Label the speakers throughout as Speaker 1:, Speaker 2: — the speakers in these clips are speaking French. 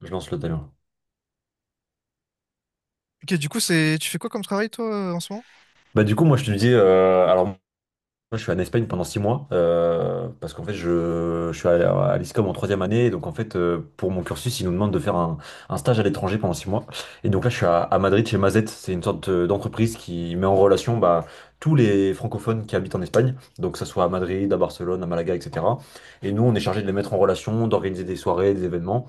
Speaker 1: Je lance le timer.
Speaker 2: Ok, du coup, c'est tu fais quoi comme travail toi en ce moment?
Speaker 1: Moi je te dis alors moi je suis en Espagne pendant 6 mois parce qu'en fait je suis à l'ISCOM en 3e année et donc en fait pour mon cursus ils nous demandent de faire un stage à l'étranger pendant 6 mois et donc là je suis à Madrid chez Mazet. C'est une sorte d'entreprise qui met en relation tous les francophones qui habitent en Espagne, donc que ça soit à Madrid, à Barcelone, à Malaga, etc. Et nous on est chargé de les mettre en relation, d'organiser des soirées, des événements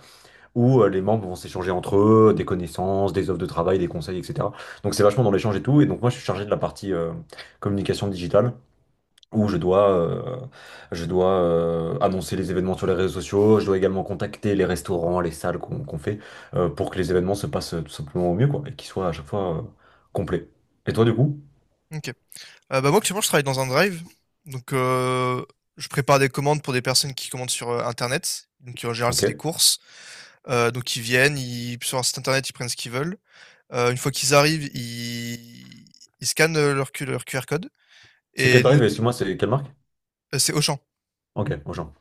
Speaker 1: où les membres vont s'échanger entre eux des connaissances, des offres de travail, des conseils, etc. Donc c'est vachement dans l'échange et tout. Et donc moi je suis chargé de la partie communication digitale où je dois annoncer les événements sur les réseaux sociaux. Je dois également contacter les restaurants, les salles qu'on fait pour que les événements se passent tout simplement au mieux quoi, et qu'ils soient à chaque fois complets. Et toi du coup?
Speaker 2: Ok. Bah moi actuellement je travaille dans un drive. Donc je prépare des commandes pour des personnes qui commandent sur internet. Donc en général c'est des
Speaker 1: Ok.
Speaker 2: courses. Donc ils viennent, ils sur un site internet ils prennent ce qu'ils veulent. Une fois qu'ils arrivent, ils scannent leur, leur QR code.
Speaker 1: C'est
Speaker 2: Et
Speaker 1: quel
Speaker 2: nous
Speaker 1: drive? Excuse-moi, c'est quelle marque?
Speaker 2: c'est Auchan.
Speaker 1: Ok, Auchan.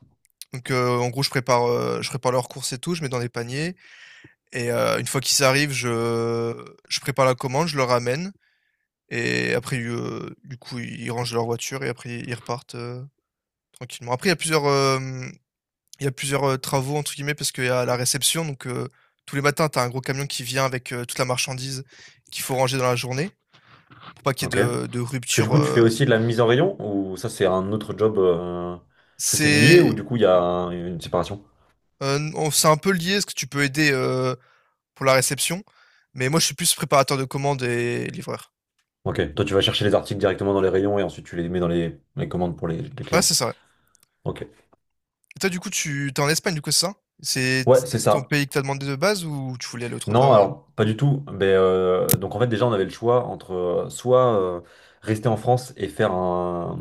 Speaker 2: Donc en gros je prépare leurs courses et tout, je mets dans des paniers. Et une fois qu'ils arrivent, je prépare la commande, je leur ramène. Et après, du coup, ils rangent leur voiture et après ils repartent, tranquillement. Après, il y a plusieurs, «travaux» entre guillemets parce qu'il y a la réception donc, tous les matins, tu as un gros camion qui vient avec, toute la marchandise qu'il faut ranger dans la journée pour pas qu'il
Speaker 1: Ok.
Speaker 2: y ait de
Speaker 1: Parce
Speaker 2: de
Speaker 1: que du
Speaker 2: rupture,
Speaker 1: coup, tu fais aussi de la mise en rayon ou ça, c'est un autre job parce que c'est lié ou du
Speaker 2: C'est,
Speaker 1: coup, il y a une séparation?
Speaker 2: non, c'est un peu lié parce que tu peux aider, pour la réception, mais moi, je suis plus préparateur de commandes et livreur.
Speaker 1: Ok. Toi, tu vas chercher les articles directement dans les rayons et ensuite tu les mets dans les commandes pour les
Speaker 2: Ouais,
Speaker 1: clients.
Speaker 2: c'est ça, ouais.
Speaker 1: Ok.
Speaker 2: Et toi, du coup, tu t'es en Espagne, du coup, c'est ça? C'est t
Speaker 1: Ouais, c'est
Speaker 2: ton
Speaker 1: ça.
Speaker 2: pays que t'as demandé de base ou tu voulais aller autre
Speaker 1: Non,
Speaker 2: part,
Speaker 1: alors pas du tout. Mais donc en fait déjà on avait le choix entre soit rester en France et faire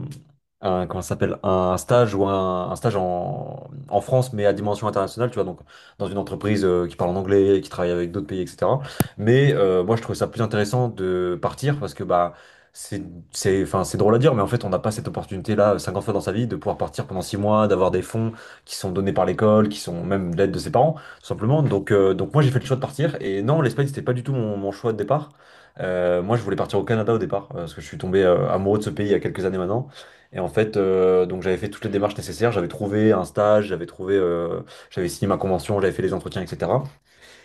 Speaker 1: un comment ça s'appelle, un stage ou un stage en France mais à dimension internationale, tu vois, donc dans une entreprise qui parle en anglais, qui travaille avec d'autres pays, etc. Mais moi je trouvais ça plus intéressant de partir, parce que bah c'est c'est enfin c'est drôle à dire, mais en fait on n'a pas cette opportunité là 50 fois dans sa vie, de pouvoir partir pendant 6 mois, d'avoir des fonds qui sont donnés par l'école, qui sont même de l'aide de ses parents. Tout simplement. Donc moi, j'ai fait le choix de partir. Et non, l'Espagne, c'était pas du tout mon choix de départ. Moi, je voulais partir au Canada au départ, parce que je suis tombé amoureux de ce pays il y a quelques années maintenant. Et en fait, donc j'avais fait toutes les démarches nécessaires. J'avais trouvé un stage, j'avais signé ma convention, j'avais fait les entretiens, etc.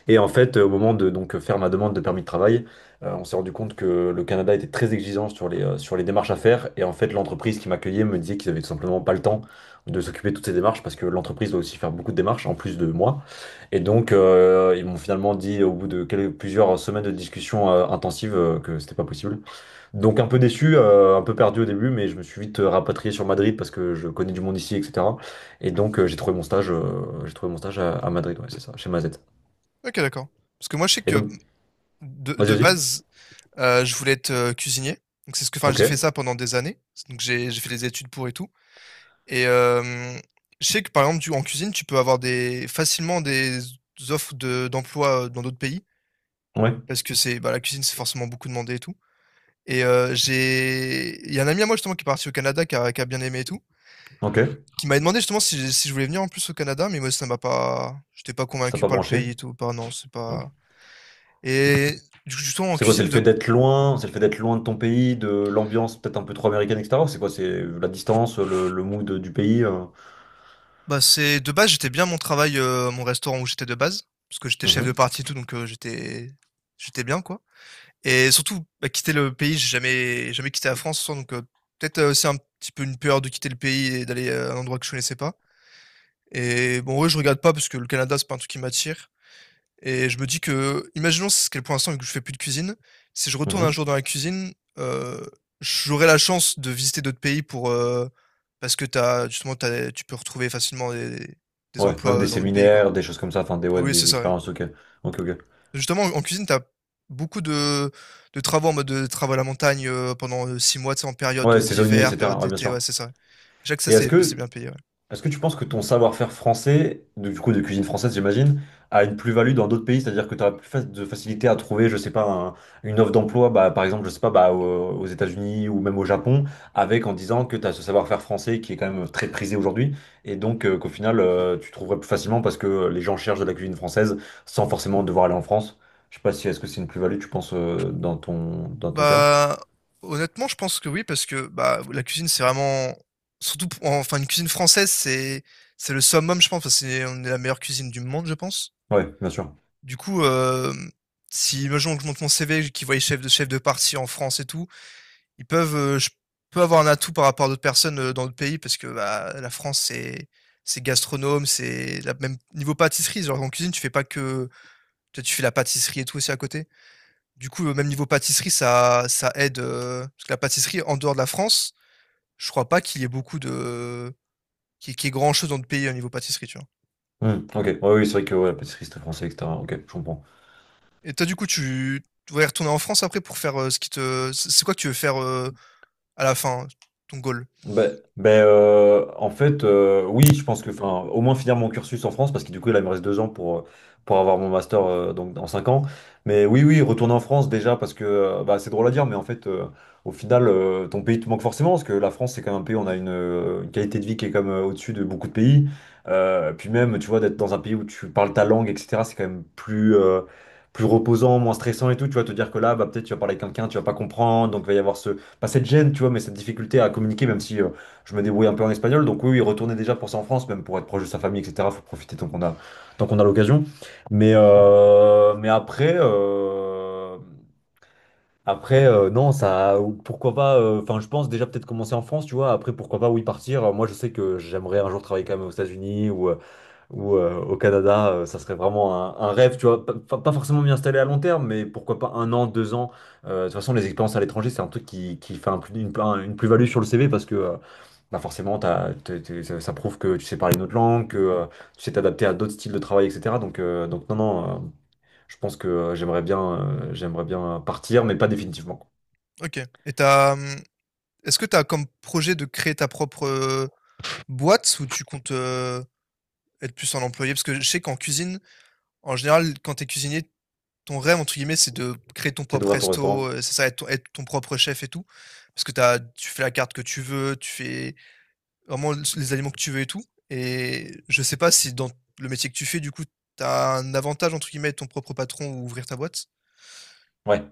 Speaker 1: Et en fait, au moment de donc faire ma demande de permis de travail, on s'est rendu compte que le Canada était très exigeant sur sur les démarches à faire. Et en fait, l'entreprise qui m'accueillait me disait qu'ils avaient tout simplement pas le temps de s'occuper de toutes ces démarches, parce que l'entreprise doit aussi faire beaucoup de démarches en plus de moi. Et donc, ils m'ont finalement dit au bout de plusieurs semaines de discussions intensives que c'était pas possible. Donc, un peu déçu, un peu perdu au début, mais je me suis vite rapatrié sur Madrid parce que je connais du monde ici, etc. Et donc, j'ai trouvé j'ai trouvé mon stage à Madrid, ouais, c'est ça, chez Mazet.
Speaker 2: OK, d'accord. Parce que moi, je sais
Speaker 1: Et
Speaker 2: que
Speaker 1: donc,
Speaker 2: de
Speaker 1: vas-y,
Speaker 2: de
Speaker 1: vas-y.
Speaker 2: base, je voulais être, cuisinier. Donc c'est ce que
Speaker 1: Ok,
Speaker 2: j'ai fait ça pendant des années. Donc j'ai fait des études pour et tout et je sais que par exemple, tu en cuisine, tu peux avoir des facilement des offres de d'emploi, dans d'autres pays
Speaker 1: ouais,
Speaker 2: parce que c'est bah, la cuisine, c'est forcément beaucoup demandé et tout et j'ai il y a un ami à moi justement qui est parti au Canada, qui a bien aimé et tout,
Speaker 1: ok.
Speaker 2: qui m'avait demandé justement si je voulais venir en plus au Canada, mais moi ça m'a pas j'étais pas
Speaker 1: Ça t'a
Speaker 2: convaincu
Speaker 1: pas
Speaker 2: par le
Speaker 1: branché.
Speaker 2: pays et tout, par non, c'est
Speaker 1: Ok.
Speaker 2: pas et du coup, justement en
Speaker 1: C'est quoi, c'est
Speaker 2: cuisine
Speaker 1: le fait
Speaker 2: de
Speaker 1: d'être loin, c'est le fait d'être loin de ton pays, de l'ambiance peut-être un peu trop américaine, etc.? Ou c'est quoi, c'est la distance, le mood du pays?
Speaker 2: Bah, c'est de base, j'étais bien mon travail, mon restaurant où j'étais de base, parce que j'étais chef de
Speaker 1: Mhm,
Speaker 2: partie et tout, donc j'étais bien, quoi et surtout, bah, quitter le pays, j'ai jamais quitté la France, donc peut-être, c'est un petit peu une peur de quitter le pays et d'aller, à un endroit que je connaissais pas et bon, ouais, je regarde pas parce que le Canada, c'est pas un truc qui m'attire et je me dis que, imaginons ce qu'est pour l'instant, vu que je fais plus de cuisine, si je retourne un
Speaker 1: mhm.
Speaker 2: jour dans la cuisine, euh, j'aurai la chance de visiter d'autres pays pour, parce que t'as, tu peux retrouver facilement des
Speaker 1: Ouais, même
Speaker 2: emplois
Speaker 1: des
Speaker 2: dans d'autres pays, quoi.
Speaker 1: séminaires, des choses comme ça, enfin des, ouais,
Speaker 2: Oui, c'est
Speaker 1: des
Speaker 2: ça, ouais.
Speaker 1: expériences, ok. Ok, ok.
Speaker 2: Justement, en cuisine, tu as beaucoup de travaux en mode de travaux à la montagne pendant six mois, tu sais, en période
Speaker 1: Ouais, saisonnier,
Speaker 2: d'hiver, période
Speaker 1: etc. Ouais, bien
Speaker 2: d'été, ouais,
Speaker 1: sûr.
Speaker 2: c'est ça. Je sais que ça,
Speaker 1: Et est-ce
Speaker 2: c'est
Speaker 1: que
Speaker 2: bien payé, ouais.
Speaker 1: Est-ce que tu penses que ton savoir-faire français, du coup de cuisine française, j'imagine, a une plus-value dans d'autres pays? C'est-à-dire que tu as plus de facilité à trouver, je sais pas, une offre d'emploi, bah, par exemple, je sais pas, bah, aux États-Unis ou même au Japon, avec en disant que tu as ce savoir-faire français qui est quand même très prisé aujourd'hui, et donc qu'au final, tu trouverais plus facilement parce que les gens cherchent de la cuisine française sans forcément devoir aller en France. Je sais pas si est-ce que c'est une plus-value, tu penses, dans ton cas?
Speaker 2: Bah, honnêtement, je pense que oui, parce que, bah, la cuisine, c'est vraiment surtout pou enfin, une cuisine française, c'est le summum, je pense, enfin, c'est on est la meilleure cuisine du monde, je pense.
Speaker 1: Ouais, bien sûr.
Speaker 2: Du coup, si imaginons que je monte mon CV, qu'ils voient les chefs de parti en France et tout, ils peuvent, je peux avoir un atout par rapport à d'autres personnes, dans d'autres pays parce que, bah, la France, c'est gastronome, c'est la même niveau pâtisserie, genre en cuisine, tu fais pas que tu sais, tu fais la pâtisserie et tout aussi à côté. Du coup, même niveau pâtisserie, ça aide. Parce que la pâtisserie, en dehors de la France, je crois pas qu'il y ait beaucoup de. Qu'il y, qu'il y ait grand chose dans le pays au niveau pâtisserie, tu vois.
Speaker 1: Hmm, ok, ouais, oui, c'est vrai que ouais, pâtisserie, c'était français, etc. Ok, je comprends.
Speaker 2: Et toi, du coup, tu voudrais retourner en France après pour faire ce qui te. C'est quoi que tu veux faire à la fin, ton goal?
Speaker 1: Oui, je pense que, enfin, au moins finir mon cursus en France, parce que du coup, là, il me reste 2 ans pour avoir mon master donc, dans 5 ans. Mais oui, oui, retourner en France déjà, parce que bah, c'est drôle à dire, mais en fait, au final, ton pays te manque forcément, parce que la France, c'est quand même un pays où on a une qualité de vie qui est comme au-dessus de beaucoup de pays. Puis même, tu vois, d'être dans un pays où tu parles ta langue, etc., c'est quand même plus plus reposant, moins stressant et tout. Tu vas te dire que là, bah, peut-être tu vas parler avec quelqu'un, tu vas pas comprendre, donc il va y avoir pas cette gêne, tu vois, mais cette difficulté à communiquer, même si je me débrouille un peu en espagnol. Donc oui, oui, retourner déjà pour ça en France, même pour être proche de sa famille, etc. Faut profiter tant qu'on a l'occasion. Mais après, après non, ça, pourquoi pas. Enfin, je pense déjà peut-être commencer en France, tu vois. Après, pourquoi pas, oui, partir. Moi, je sais que j'aimerais un jour travailler quand même aux États-Unis ou au Canada, ça serait vraiment un rêve, tu vois, pas forcément m'y installer à long terme, mais pourquoi pas 1 an, 2 ans. De toute façon, les expériences à l'étranger, c'est un truc qui fait un plus- une, un- une plus-value sur le CV parce que bah forcément, ça prouve que tu sais parler une autre langue, que tu sais t'adapter à d'autres styles de travail, etc. Donc non, je pense que j'aimerais bien partir, mais pas définitivement.
Speaker 2: Ok. Et t'as. Est-ce que tu as comme projet de créer ta propre boîte ou tu comptes être plus un employé? Parce que je sais qu'en cuisine, en général, quand tu es cuisinier, ton rêve, entre guillemets, c'est de créer ton
Speaker 1: C'est
Speaker 2: propre
Speaker 1: d'ouvrir ton
Speaker 2: resto,
Speaker 1: restaurant.
Speaker 2: c'est ça, être ton propre chef et tout? Parce que tu fais la carte que tu veux, tu fais vraiment l les aliments que tu veux et tout et je sais pas si dans le métier que tu fais, du coup, t'as un avantage, entre guillemets, être ton propre patron ou ouvrir ta boîte?
Speaker 1: Ouais.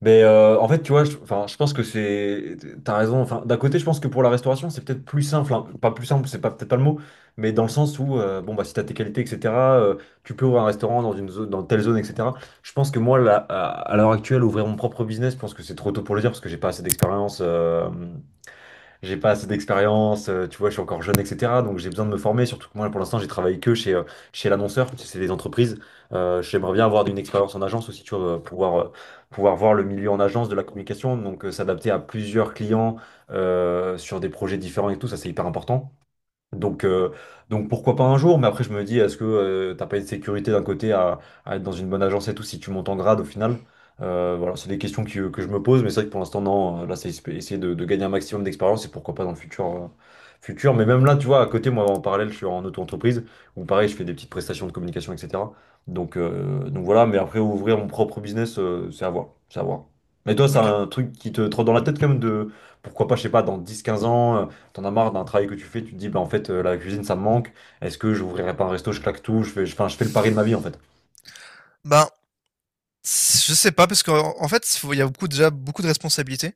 Speaker 1: Mais en fait, tu vois, enfin, je pense que c'est, t'as raison. Enfin, d'un côté, je pense que pour la restauration, c'est peut-être plus simple, hein. Pas plus simple, c'est pas peut-être pas le mot, mais dans le sens où, bon bah, si t'as tes qualités, etc., euh, tu peux ouvrir un restaurant dans une zone, dans telle zone, etc. Je pense que moi, là, à l'heure actuelle, ouvrir mon propre business, je pense que c'est trop tôt pour le dire parce que j'ai pas assez d'expérience. Tu vois, je suis encore jeune, etc. Donc j'ai besoin de me former, surtout que moi pour l'instant j'ai travaillé que chez l'annonceur, tu sais, c'est des entreprises. J'aimerais bien avoir une expérience en agence aussi, tu vois, pouvoir voir le milieu en agence de la communication, donc s'adapter à plusieurs clients sur des projets différents et tout, ça c'est hyper important. Donc, euh, donc pourquoi pas un jour, mais après je me dis, est-ce que t'as pas une sécurité d'un côté à être dans une bonne agence et tout si tu montes en grade au final? Voilà, c'est des questions que je me pose, mais c'est vrai que pour l'instant, non, là c'est essayer de gagner un maximum d'expérience et pourquoi pas dans le futur, futur. Mais même là, tu vois, à côté, moi en parallèle, je suis en auto-entreprise où pareil, je fais des petites prestations de communication, etc. Donc voilà, mais après ouvrir mon propre business, c'est à voir, c'est à voir. Mais toi, c'est
Speaker 2: OK.
Speaker 1: un truc qui te trotte dans la tête quand même de pourquoi pas, je sais pas, dans dix, quinze ans. T'en as marre d'un travail que tu fais, tu te dis, bah en fait, la cuisine, ça me manque. Est-ce que j'ouvrirai pas un resto, je claque tout, enfin, je fais le pari de ma vie, en fait.
Speaker 2: Ben, je sais pas parce qu'en en fait, faut il y a beaucoup déjà beaucoup de responsabilités.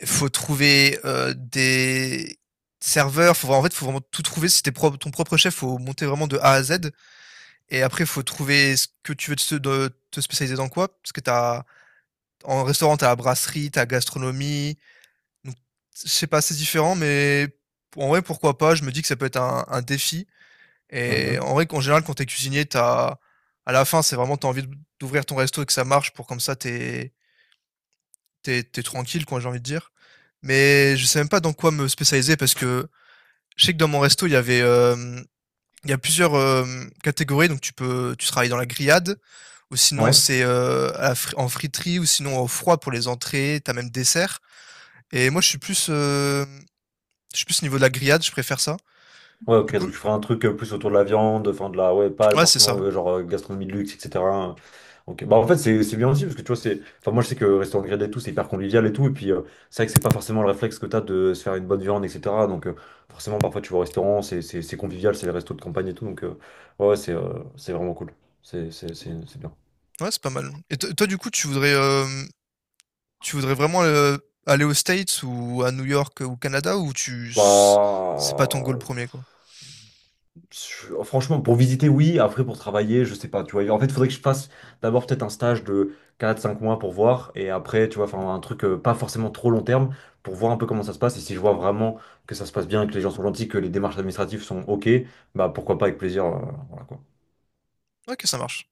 Speaker 2: Il faut trouver, des serveurs, en fait, faut vraiment tout trouver. Si tu es ton propre chef, faut monter vraiment de A à Z. Et après, il faut trouver ce que tu veux te spécialiser dans quoi. Parce que t'as, en restaurant, tu as la brasserie, tu as la gastronomie. Donc, je sais pas, c'est différent, mais en vrai, pourquoi pas? Je me dis que ça peut être un défi. Et
Speaker 1: Mhm.
Speaker 2: en vrai, qu'en général, quand tu es cuisinier, t'as, à la fin, c'est vraiment, tu as envie d'ouvrir ton resto et que ça marche pour comme ça, tu es, tranquille, quoi, j'ai envie de dire. Mais je sais même pas dans quoi me spécialiser parce que je sais que dans mon resto, il y a plusieurs catégories, donc tu travailles dans la grillade, ou sinon
Speaker 1: Ouais,
Speaker 2: c'est à la en friterie, ou sinon au froid pour les entrées, t'as même dessert. Et moi je suis plus au niveau de la grillade, je préfère ça.
Speaker 1: ouais,
Speaker 2: Du
Speaker 1: ok, donc
Speaker 2: coup,
Speaker 1: tu feras un truc plus autour de la viande, enfin, de la, ouais, pas
Speaker 2: ouais c'est ça.
Speaker 1: forcément,
Speaker 2: Ouais,
Speaker 1: gastronomie de luxe, etc. Ok, bah en fait, c'est bien aussi, parce que tu vois, c'est, enfin, moi, je sais que restaurant grillé et tout, c'est hyper convivial et tout, et puis, c'est vrai que c'est pas forcément le réflexe que t'as de se faire une bonne viande, etc. Donc, forcément, parfois, tu vas au restaurant, c'est convivial, c'est les restos de campagne et tout, donc, ouais, ouais, c'est vraiment cool. C'est bien.
Speaker 2: ouais, c'est pas mal. Et toi du coup tu voudrais tu voudrais vraiment, aller aux States ou à New York, ou au Canada ou tu c c'est pas ton goal
Speaker 1: Bah.
Speaker 2: premier quoi?
Speaker 1: Je- Franchement, pour visiter, oui. Après, pour travailler, je sais pas. Tu vois, en fait, il faudrait que je fasse d'abord peut-être un stage de 4, 5 mois pour voir. Et après, tu vois, enfin, un truc pas forcément trop long terme, pour voir un peu comment ça se passe. Et si je vois vraiment que ça se passe bien, que les gens sont gentils, que les démarches administratives sont OK, bah pourquoi pas avec plaisir. Voilà, quoi.
Speaker 2: OK, ça marche.